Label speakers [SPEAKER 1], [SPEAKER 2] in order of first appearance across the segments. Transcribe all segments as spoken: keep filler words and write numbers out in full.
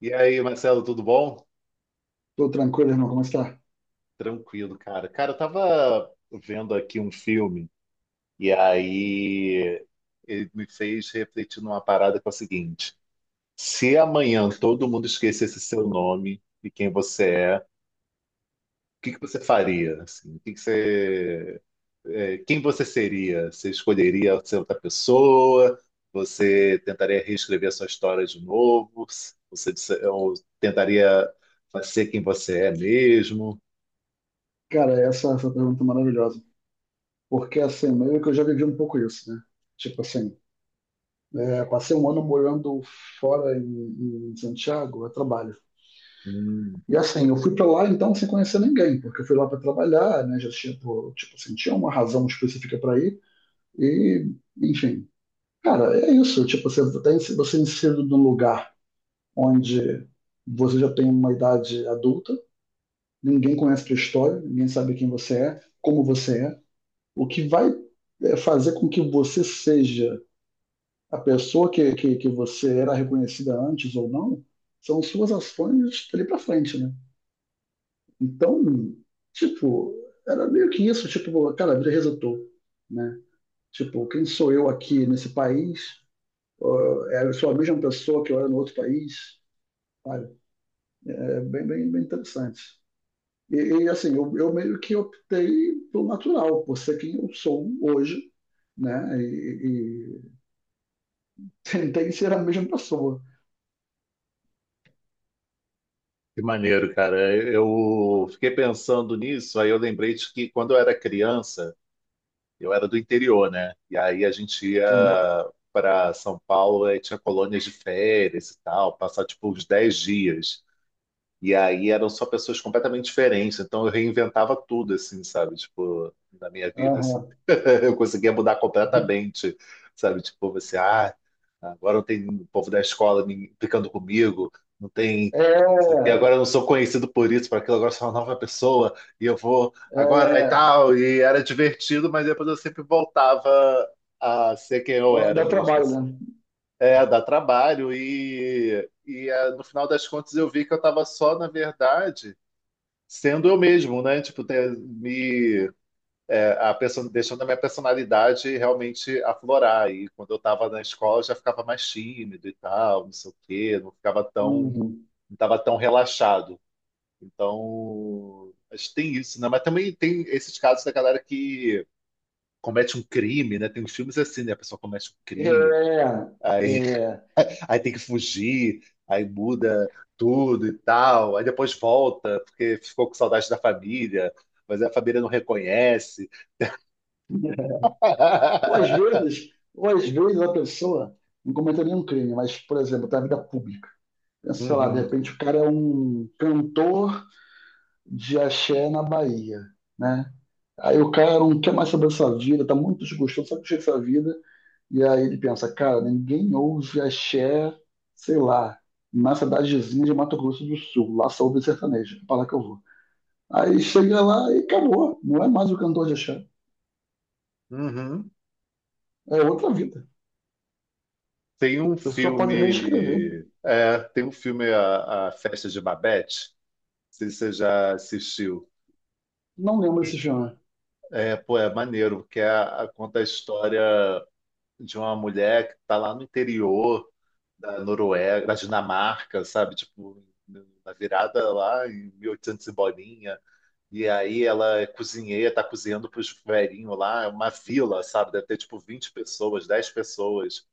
[SPEAKER 1] E aí, Marcelo, tudo bom?
[SPEAKER 2] Tô tranquilo, irmão. Como está?
[SPEAKER 1] Tranquilo, cara. Cara, eu tava vendo aqui um filme e aí ele me fez refletir numa parada que é o seguinte: se amanhã todo mundo esquecesse seu nome e quem você é, o que que você faria? Assim, o que que você, é, quem você seria? Você escolheria ser outra pessoa? Você tentaria reescrever a sua história de novo? Você disse- ou tentaria ser quem você é mesmo?
[SPEAKER 2] Cara, essa, essa pergunta é maravilhosa. Porque, assim, meio que eu já vivi um pouco isso, né? Tipo assim, é, passei um ano morando fora em, em Santiago, a trabalho.
[SPEAKER 1] Hum.
[SPEAKER 2] E assim, eu fui para lá então sem conhecer ninguém, porque eu fui lá para trabalhar, né? Já tinha, pô, tipo assim, tinha uma razão específica para ir. E, enfim, cara, é isso. Tipo, você tem você é inserido num lugar onde você já tem uma idade adulta, ninguém conhece a tua história, ninguém sabe quem você é, como você é. O que vai é, fazer com que você seja a pessoa que, que, que você era reconhecida antes ou não, são suas ações dali pra frente, né? Então, tipo, era meio que isso, tipo, cara, a vida resetou, né? Tipo, quem sou eu aqui nesse país? Ó, é, eu sou a mesma pessoa que eu era no outro país? Sabe? É bem, bem, bem interessante. E, e, assim, eu, eu meio que optei pelo natural, por ser quem eu sou hoje, né? E, tem, tem que ser a mesma pessoa.
[SPEAKER 1] Que maneiro, cara. Eu fiquei pensando nisso, aí eu lembrei de que quando eu era criança, eu era do interior, né? E aí a gente ia
[SPEAKER 2] Sim.
[SPEAKER 1] para São Paulo e tinha colônias de férias e tal, passar tipo uns dez dias. E aí eram só pessoas completamente diferentes, então eu reinventava tudo, assim, sabe? Tipo, na minha vida, assim.
[SPEAKER 2] Aham.
[SPEAKER 1] Eu conseguia mudar completamente, sabe? Tipo, você, ah, agora não tem o povo da escola me- ficando comigo, não tem...
[SPEAKER 2] É,
[SPEAKER 1] E agora eu não sou conhecido por isso, por aquilo, agora eu sou uma nova pessoa, e eu vou agora e
[SPEAKER 2] é,
[SPEAKER 1] tal. E era divertido, mas depois eu sempre voltava a ser quem eu
[SPEAKER 2] dá,
[SPEAKER 1] era
[SPEAKER 2] dá
[SPEAKER 1] mesmo,
[SPEAKER 2] trabalho,
[SPEAKER 1] assim.
[SPEAKER 2] né?
[SPEAKER 1] É, dá trabalho. E, e ah, no final das contas eu vi que eu estava só, na verdade, sendo eu mesmo, né? Tipo, ter, me, é, a perso- deixando a minha personalidade realmente aflorar. E quando eu estava na escola eu já ficava mais tímido e tal, não sei o quê, não ficava tão,
[SPEAKER 2] Uhum.
[SPEAKER 1] não estava tão relaxado. Então, acho que tem isso, né? Mas também tem esses casos da galera que comete um crime, né? Tem uns filmes assim, né? A pessoa comete um crime.
[SPEAKER 2] É,
[SPEAKER 1] Aí,
[SPEAKER 2] é,
[SPEAKER 1] aí tem que fugir, aí muda tudo e tal. Aí depois volta, porque ficou com saudade da família, mas a família não reconhece.
[SPEAKER 2] ou às vezes, ou às vezes a pessoa não cometeu nenhum crime, mas, por exemplo, da vida pública. Pensa, sei lá, de
[SPEAKER 1] Uhum,
[SPEAKER 2] repente o cara é um cantor de axé na Bahia, né? Aí o cara não quer mais saber da sua vida, tá muito desgostoso, sabe o que é essa vida. E aí ele pensa, cara, ninguém ouve axé, sei lá, na cidadezinha de Mato Grosso do Sul. Lá só ouve sertanejo, é para lá que eu vou. Aí chega lá e acabou. Não é mais o cantor de axé.
[SPEAKER 1] uhum.
[SPEAKER 2] É outra vida.
[SPEAKER 1] Tem um
[SPEAKER 2] A pessoa pode reescrever.
[SPEAKER 1] filme. É, tem um filme, A, a Festa de Babette. Não sei se você já assistiu.
[SPEAKER 2] Não lembro esse filme.
[SPEAKER 1] É, pô, é maneiro, porque a- a- conta a história de uma mulher que está lá no interior da Noruega, da Dinamarca, sabe? Tipo, na virada lá em mil e oitocentos e oitocentos e bolinha. E aí ela é cozinheira, tá cozinhando pros velhinhos lá, é uma vila, sabe? Deve ter tipo vinte pessoas, dez pessoas.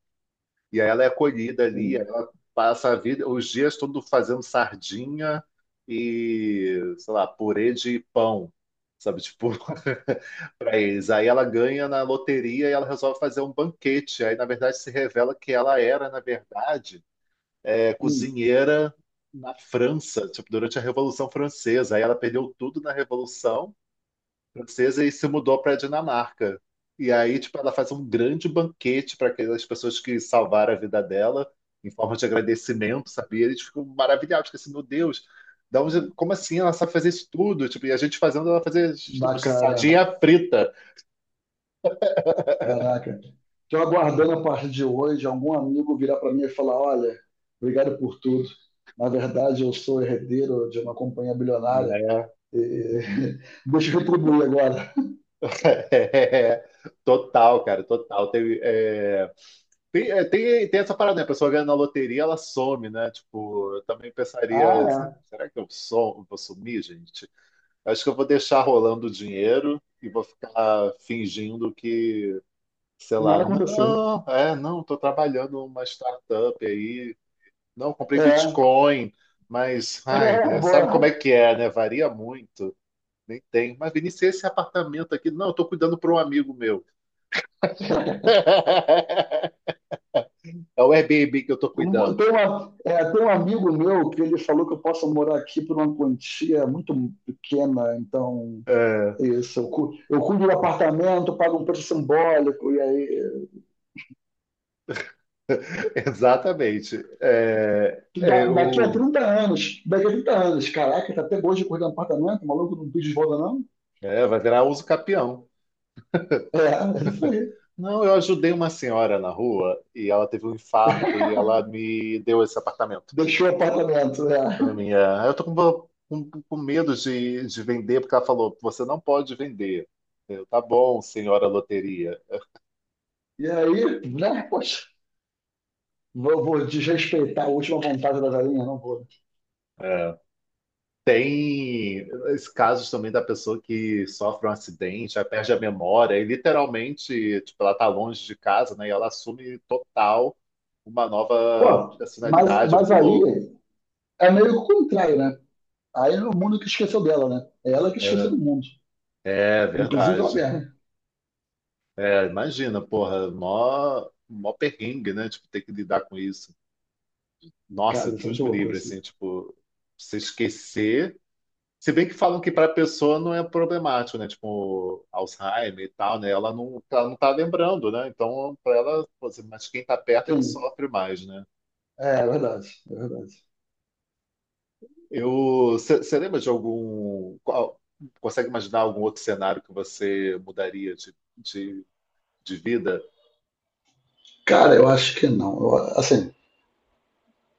[SPEAKER 1] E aí ela é acolhida ali,
[SPEAKER 2] Sim.
[SPEAKER 1] ela passa a vida, os dias todo fazendo sardinha e, sei lá, purê de pão. Sabe, tipo, para eles. Aí ela ganha na loteria e ela resolve fazer um banquete. Aí, na verdade, se revela que ela era, na verdade, é
[SPEAKER 2] Hum,
[SPEAKER 1] cozinheira na França, tipo, durante a Revolução Francesa. Aí ela perdeu tudo na Revolução Francesa e se mudou para a Dinamarca. E aí, tipo, ela faz um grande banquete para aquelas pessoas que salvaram a vida dela, em forma de agradecimento, sabe? E eles ficam maravilhados, porque assim, meu Deus, da onde, como assim ela sabe fazer isso tudo? Tipo, e a gente fazendo ela fazer, tipo,
[SPEAKER 2] bacana.
[SPEAKER 1] sardinha frita,
[SPEAKER 2] Caraca. Estou aguardando a partir de hoje algum amigo virar para mim e falar, olha, obrigado por tudo. Na verdade, eu sou herdeiro de uma companhia bilionária.
[SPEAKER 1] né?
[SPEAKER 2] E... Deixa eu retribuir agora.
[SPEAKER 1] É, total, cara, total. Tem, é, Tem, é, tem, tem essa parada, né? A pessoa ganha na loteria, ela some, né? Tipo, eu também
[SPEAKER 2] Ah,
[SPEAKER 1] pensaria,
[SPEAKER 2] é.
[SPEAKER 1] será que eu som, vou sumir, gente? Acho que eu vou deixar rolando o dinheiro e vou ficar fingindo que, sei
[SPEAKER 2] Nada
[SPEAKER 1] lá,
[SPEAKER 2] aconteceu.
[SPEAKER 1] não, é, não, tô trabalhando numa startup aí, não, comprei
[SPEAKER 2] É,
[SPEAKER 1] Bitcoin, mas, ai,
[SPEAKER 2] é
[SPEAKER 1] né, sabe
[SPEAKER 2] boa.
[SPEAKER 1] como é
[SPEAKER 2] Um-
[SPEAKER 1] que é, né? Varia muito, nem tem. Mas, Vinícius, esse apartamento aqui, não, eu tô cuidando para um amigo meu. É o Airbnb que eu tô
[SPEAKER 2] tem, uma,
[SPEAKER 1] cuidando.
[SPEAKER 2] é, tem um amigo meu que ele falou que eu posso morar aqui por uma quantia muito pequena, então
[SPEAKER 1] É.
[SPEAKER 2] é isso. Eu, cu- eu cuido do apartamento, pago um preço simbólico, e aí.
[SPEAKER 1] Exatamente. É, é,
[SPEAKER 2] Da- daqui a
[SPEAKER 1] o,
[SPEAKER 2] trinta anos, daqui a trinta anos, caraca, tá até hoje cuidando do apartamento, o maluco não pediu de volta, não?
[SPEAKER 1] é, vai virar uso capião.
[SPEAKER 2] É, é isso aí.
[SPEAKER 1] Não, eu ajudei uma senhora na rua e ela teve um infarto e ela me deu esse apartamento
[SPEAKER 2] Deixou o apartamento, é.
[SPEAKER 1] para mim. É, eu tô com, com, com medo de, de vender porque ela falou, você não pode vender. Eu, tá bom, senhora loteria.
[SPEAKER 2] E aí, né, poxa, vou, vou desrespeitar a última vontade da galinha, não vou, né?
[SPEAKER 1] É, tem esses casos também da pessoa que sofre um acidente, aí perde a memória, e literalmente, tipo, ela tá longe de casa, né? E ela assume total uma nova
[SPEAKER 2] Pô, mas,
[SPEAKER 1] personalidade. É
[SPEAKER 2] mas
[SPEAKER 1] muito
[SPEAKER 2] aí
[SPEAKER 1] louco.
[SPEAKER 2] é meio que o contrário, né? Aí é o mundo que esqueceu dela, né? É ela que
[SPEAKER 1] É,
[SPEAKER 2] esqueceu do mundo.
[SPEAKER 1] é
[SPEAKER 2] Inclusive ela
[SPEAKER 1] verdade.
[SPEAKER 2] mesma.
[SPEAKER 1] É, imagina, porra, mó, mó perrengue, né? Tipo, ter que lidar com isso. Nossa,
[SPEAKER 2] Cara, isso é
[SPEAKER 1] Deus
[SPEAKER 2] muito
[SPEAKER 1] me
[SPEAKER 2] louco
[SPEAKER 1] livre, assim,
[SPEAKER 2] assim.
[SPEAKER 1] tipo, você esquecer. Se bem que falam que para a pessoa não é problemático, né? Tipo, Alzheimer e tal, né? Ela não, ela não tá lembrando, né? Então, para ela, pô, assim, mas quem tá perto é que
[SPEAKER 2] Sim,
[SPEAKER 1] sofre mais, né?
[SPEAKER 2] é, é verdade, é verdade.
[SPEAKER 1] Eu, você lembra de algum, qual- consegue imaginar algum outro cenário que você mudaria de, de, de vida?
[SPEAKER 2] Cara, eu acho que não. Eu, assim,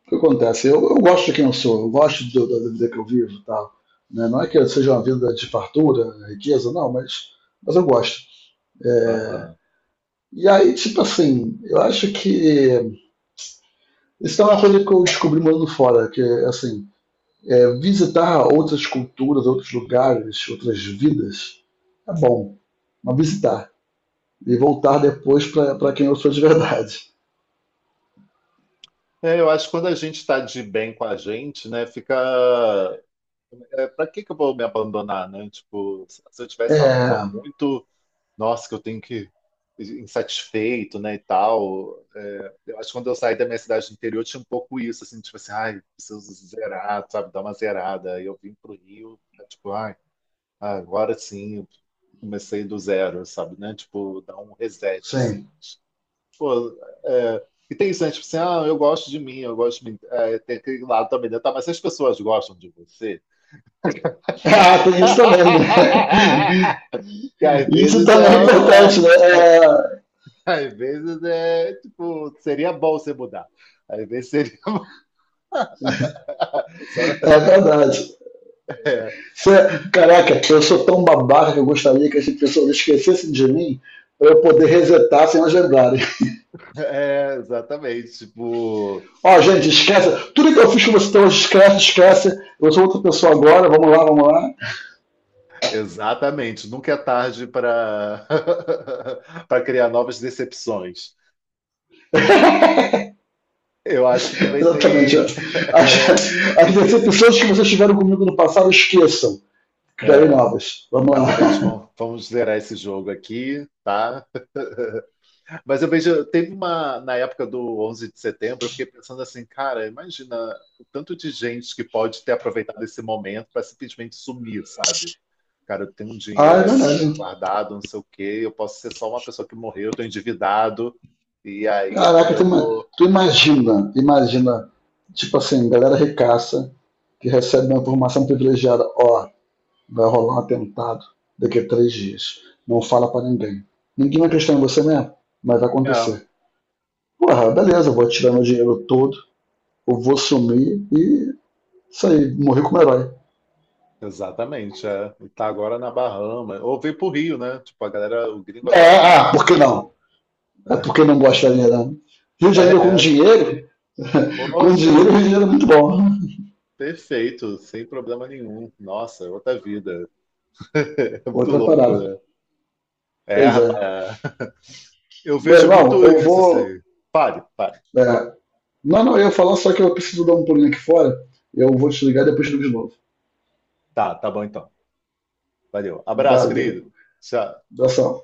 [SPEAKER 2] o que acontece? Eu, eu gosto de quem eu sou, eu gosto do- da da vida que eu vivo e tal. Né? Não é que eu seja uma vida de fartura, riqueza, não, mas, mas eu gosto. É,
[SPEAKER 1] Aham.
[SPEAKER 2] e aí, tipo assim, eu acho que isso é uma coisa que eu descobri morando fora, que assim, é, visitar outras culturas, outros lugares, outras vidas, é bom, mas visitar. E voltar depois para quem eu sou de verdade.
[SPEAKER 1] É, eu acho que quando a gente está de bem com a gente, né, fica. É, para que que eu vou me abandonar, né? Tipo, se eu tivesse uma coisa
[SPEAKER 2] É,
[SPEAKER 1] muito nossa, que eu tenho que insatisfeito, né, e tal. É, eu acho que quando eu saí da minha cidade do interior tinha um pouco isso, assim, tipo assim, ai, preciso zerar, sabe, dar uma zerada. Aí eu vim pro Rio, tá, tipo, ai, agora sim, comecei do zero, sabe, né, tipo, dar um reset, assim.
[SPEAKER 2] sim.
[SPEAKER 1] Pô, é, e tem isso, né, tipo assim, ah, eu gosto de mim, eu gosto de mim. É, tem aquele lado também, né, tá, mas se as pessoas gostam de você,
[SPEAKER 2] Ah, tem isso também, né?
[SPEAKER 1] que às
[SPEAKER 2] Isso
[SPEAKER 1] vezes é,
[SPEAKER 2] também é importante, né?
[SPEAKER 1] é é Às vezes é tipo, seria bom você mudar. Às vezes seria bom. Só-
[SPEAKER 2] É, é verdade.
[SPEAKER 1] é,
[SPEAKER 2] Você, caraca, eu sou tão babaca que eu gostaria que as pessoas esquecessem de mim para eu poder resetar sem elas lembrarem.
[SPEAKER 1] é, exatamente. Tipo,
[SPEAKER 2] Ó, gente, esquece. Tudo que eu fiz com você, então, esquece, esquece. Eu sou outra pessoa agora, vamos lá, vamos lá.
[SPEAKER 1] exatamente. Nunca é tarde para para criar novas decepções. Eu acho que também
[SPEAKER 2] Exatamente.
[SPEAKER 1] tem.
[SPEAKER 2] As, as decepções que vocês tiveram comigo no passado, esqueçam.
[SPEAKER 1] É,
[SPEAKER 2] Criarei
[SPEAKER 1] é.
[SPEAKER 2] novas. Vamos
[SPEAKER 1] Agora a gente
[SPEAKER 2] lá.
[SPEAKER 1] vamos, vamos zerar esse jogo aqui, tá? Mas eu vejo, teve uma, na época do onze de setembro, eu fiquei pensando assim, cara, imagina o tanto de gente que pode ter aproveitado esse momento para simplesmente sumir, sabe? Cara, eu tenho um
[SPEAKER 2] Ah,
[SPEAKER 1] dinheiro
[SPEAKER 2] é
[SPEAKER 1] ali
[SPEAKER 2] verdade.
[SPEAKER 1] guardado, não sei o quê, eu posso ser só uma pessoa que morreu, eu tô endividado, e aí
[SPEAKER 2] Caraca,
[SPEAKER 1] agora
[SPEAKER 2] tu,
[SPEAKER 1] eu
[SPEAKER 2] ima-
[SPEAKER 1] vou.
[SPEAKER 2] tu imagina, imagina, tipo assim, galera ricaça que recebe uma informação privilegiada. Ó, vai rolar um atentado daqui a três dias. Não fala pra ninguém. Ninguém vai acreditar em você mesmo, mas vai
[SPEAKER 1] É,
[SPEAKER 2] acontecer. Porra, beleza, eu vou tirar meu dinheiro todo, eu vou sumir e isso aí, morri como herói.
[SPEAKER 1] exatamente, é. E tá agora na Bahama. Ou vem pro Rio, né? Tipo, a galera, o gringo
[SPEAKER 2] É,
[SPEAKER 1] adora fugir
[SPEAKER 2] ah,
[SPEAKER 1] pro
[SPEAKER 2] por que
[SPEAKER 1] Rio,
[SPEAKER 2] não?
[SPEAKER 1] né?
[SPEAKER 2] É porque não gosta da verdade. Rio de
[SPEAKER 1] É,
[SPEAKER 2] Janeiro com
[SPEAKER 1] é.
[SPEAKER 2] dinheiro, com
[SPEAKER 1] Poxa,
[SPEAKER 2] dinheiro, Rio de Janeiro é muito bom.
[SPEAKER 1] perfeito, sem problema nenhum. Nossa, é outra vida. É muito
[SPEAKER 2] Outra
[SPEAKER 1] louco,
[SPEAKER 2] parada.
[SPEAKER 1] né? É,
[SPEAKER 2] Pois é.
[SPEAKER 1] rapaz. Eu
[SPEAKER 2] Meu
[SPEAKER 1] vejo
[SPEAKER 2] irmão,
[SPEAKER 1] muito
[SPEAKER 2] eu
[SPEAKER 1] isso,
[SPEAKER 2] vou.
[SPEAKER 1] assim. Pare, pare.
[SPEAKER 2] É, não, não, eu ia falar, só que eu preciso dar um pulinho aqui fora. Eu vou te ligar e depois te ligo de novo.
[SPEAKER 1] Tá, tá bom então. Valeu. Abraço,
[SPEAKER 2] Valeu.
[SPEAKER 1] querido. Tchau.
[SPEAKER 2] Abração.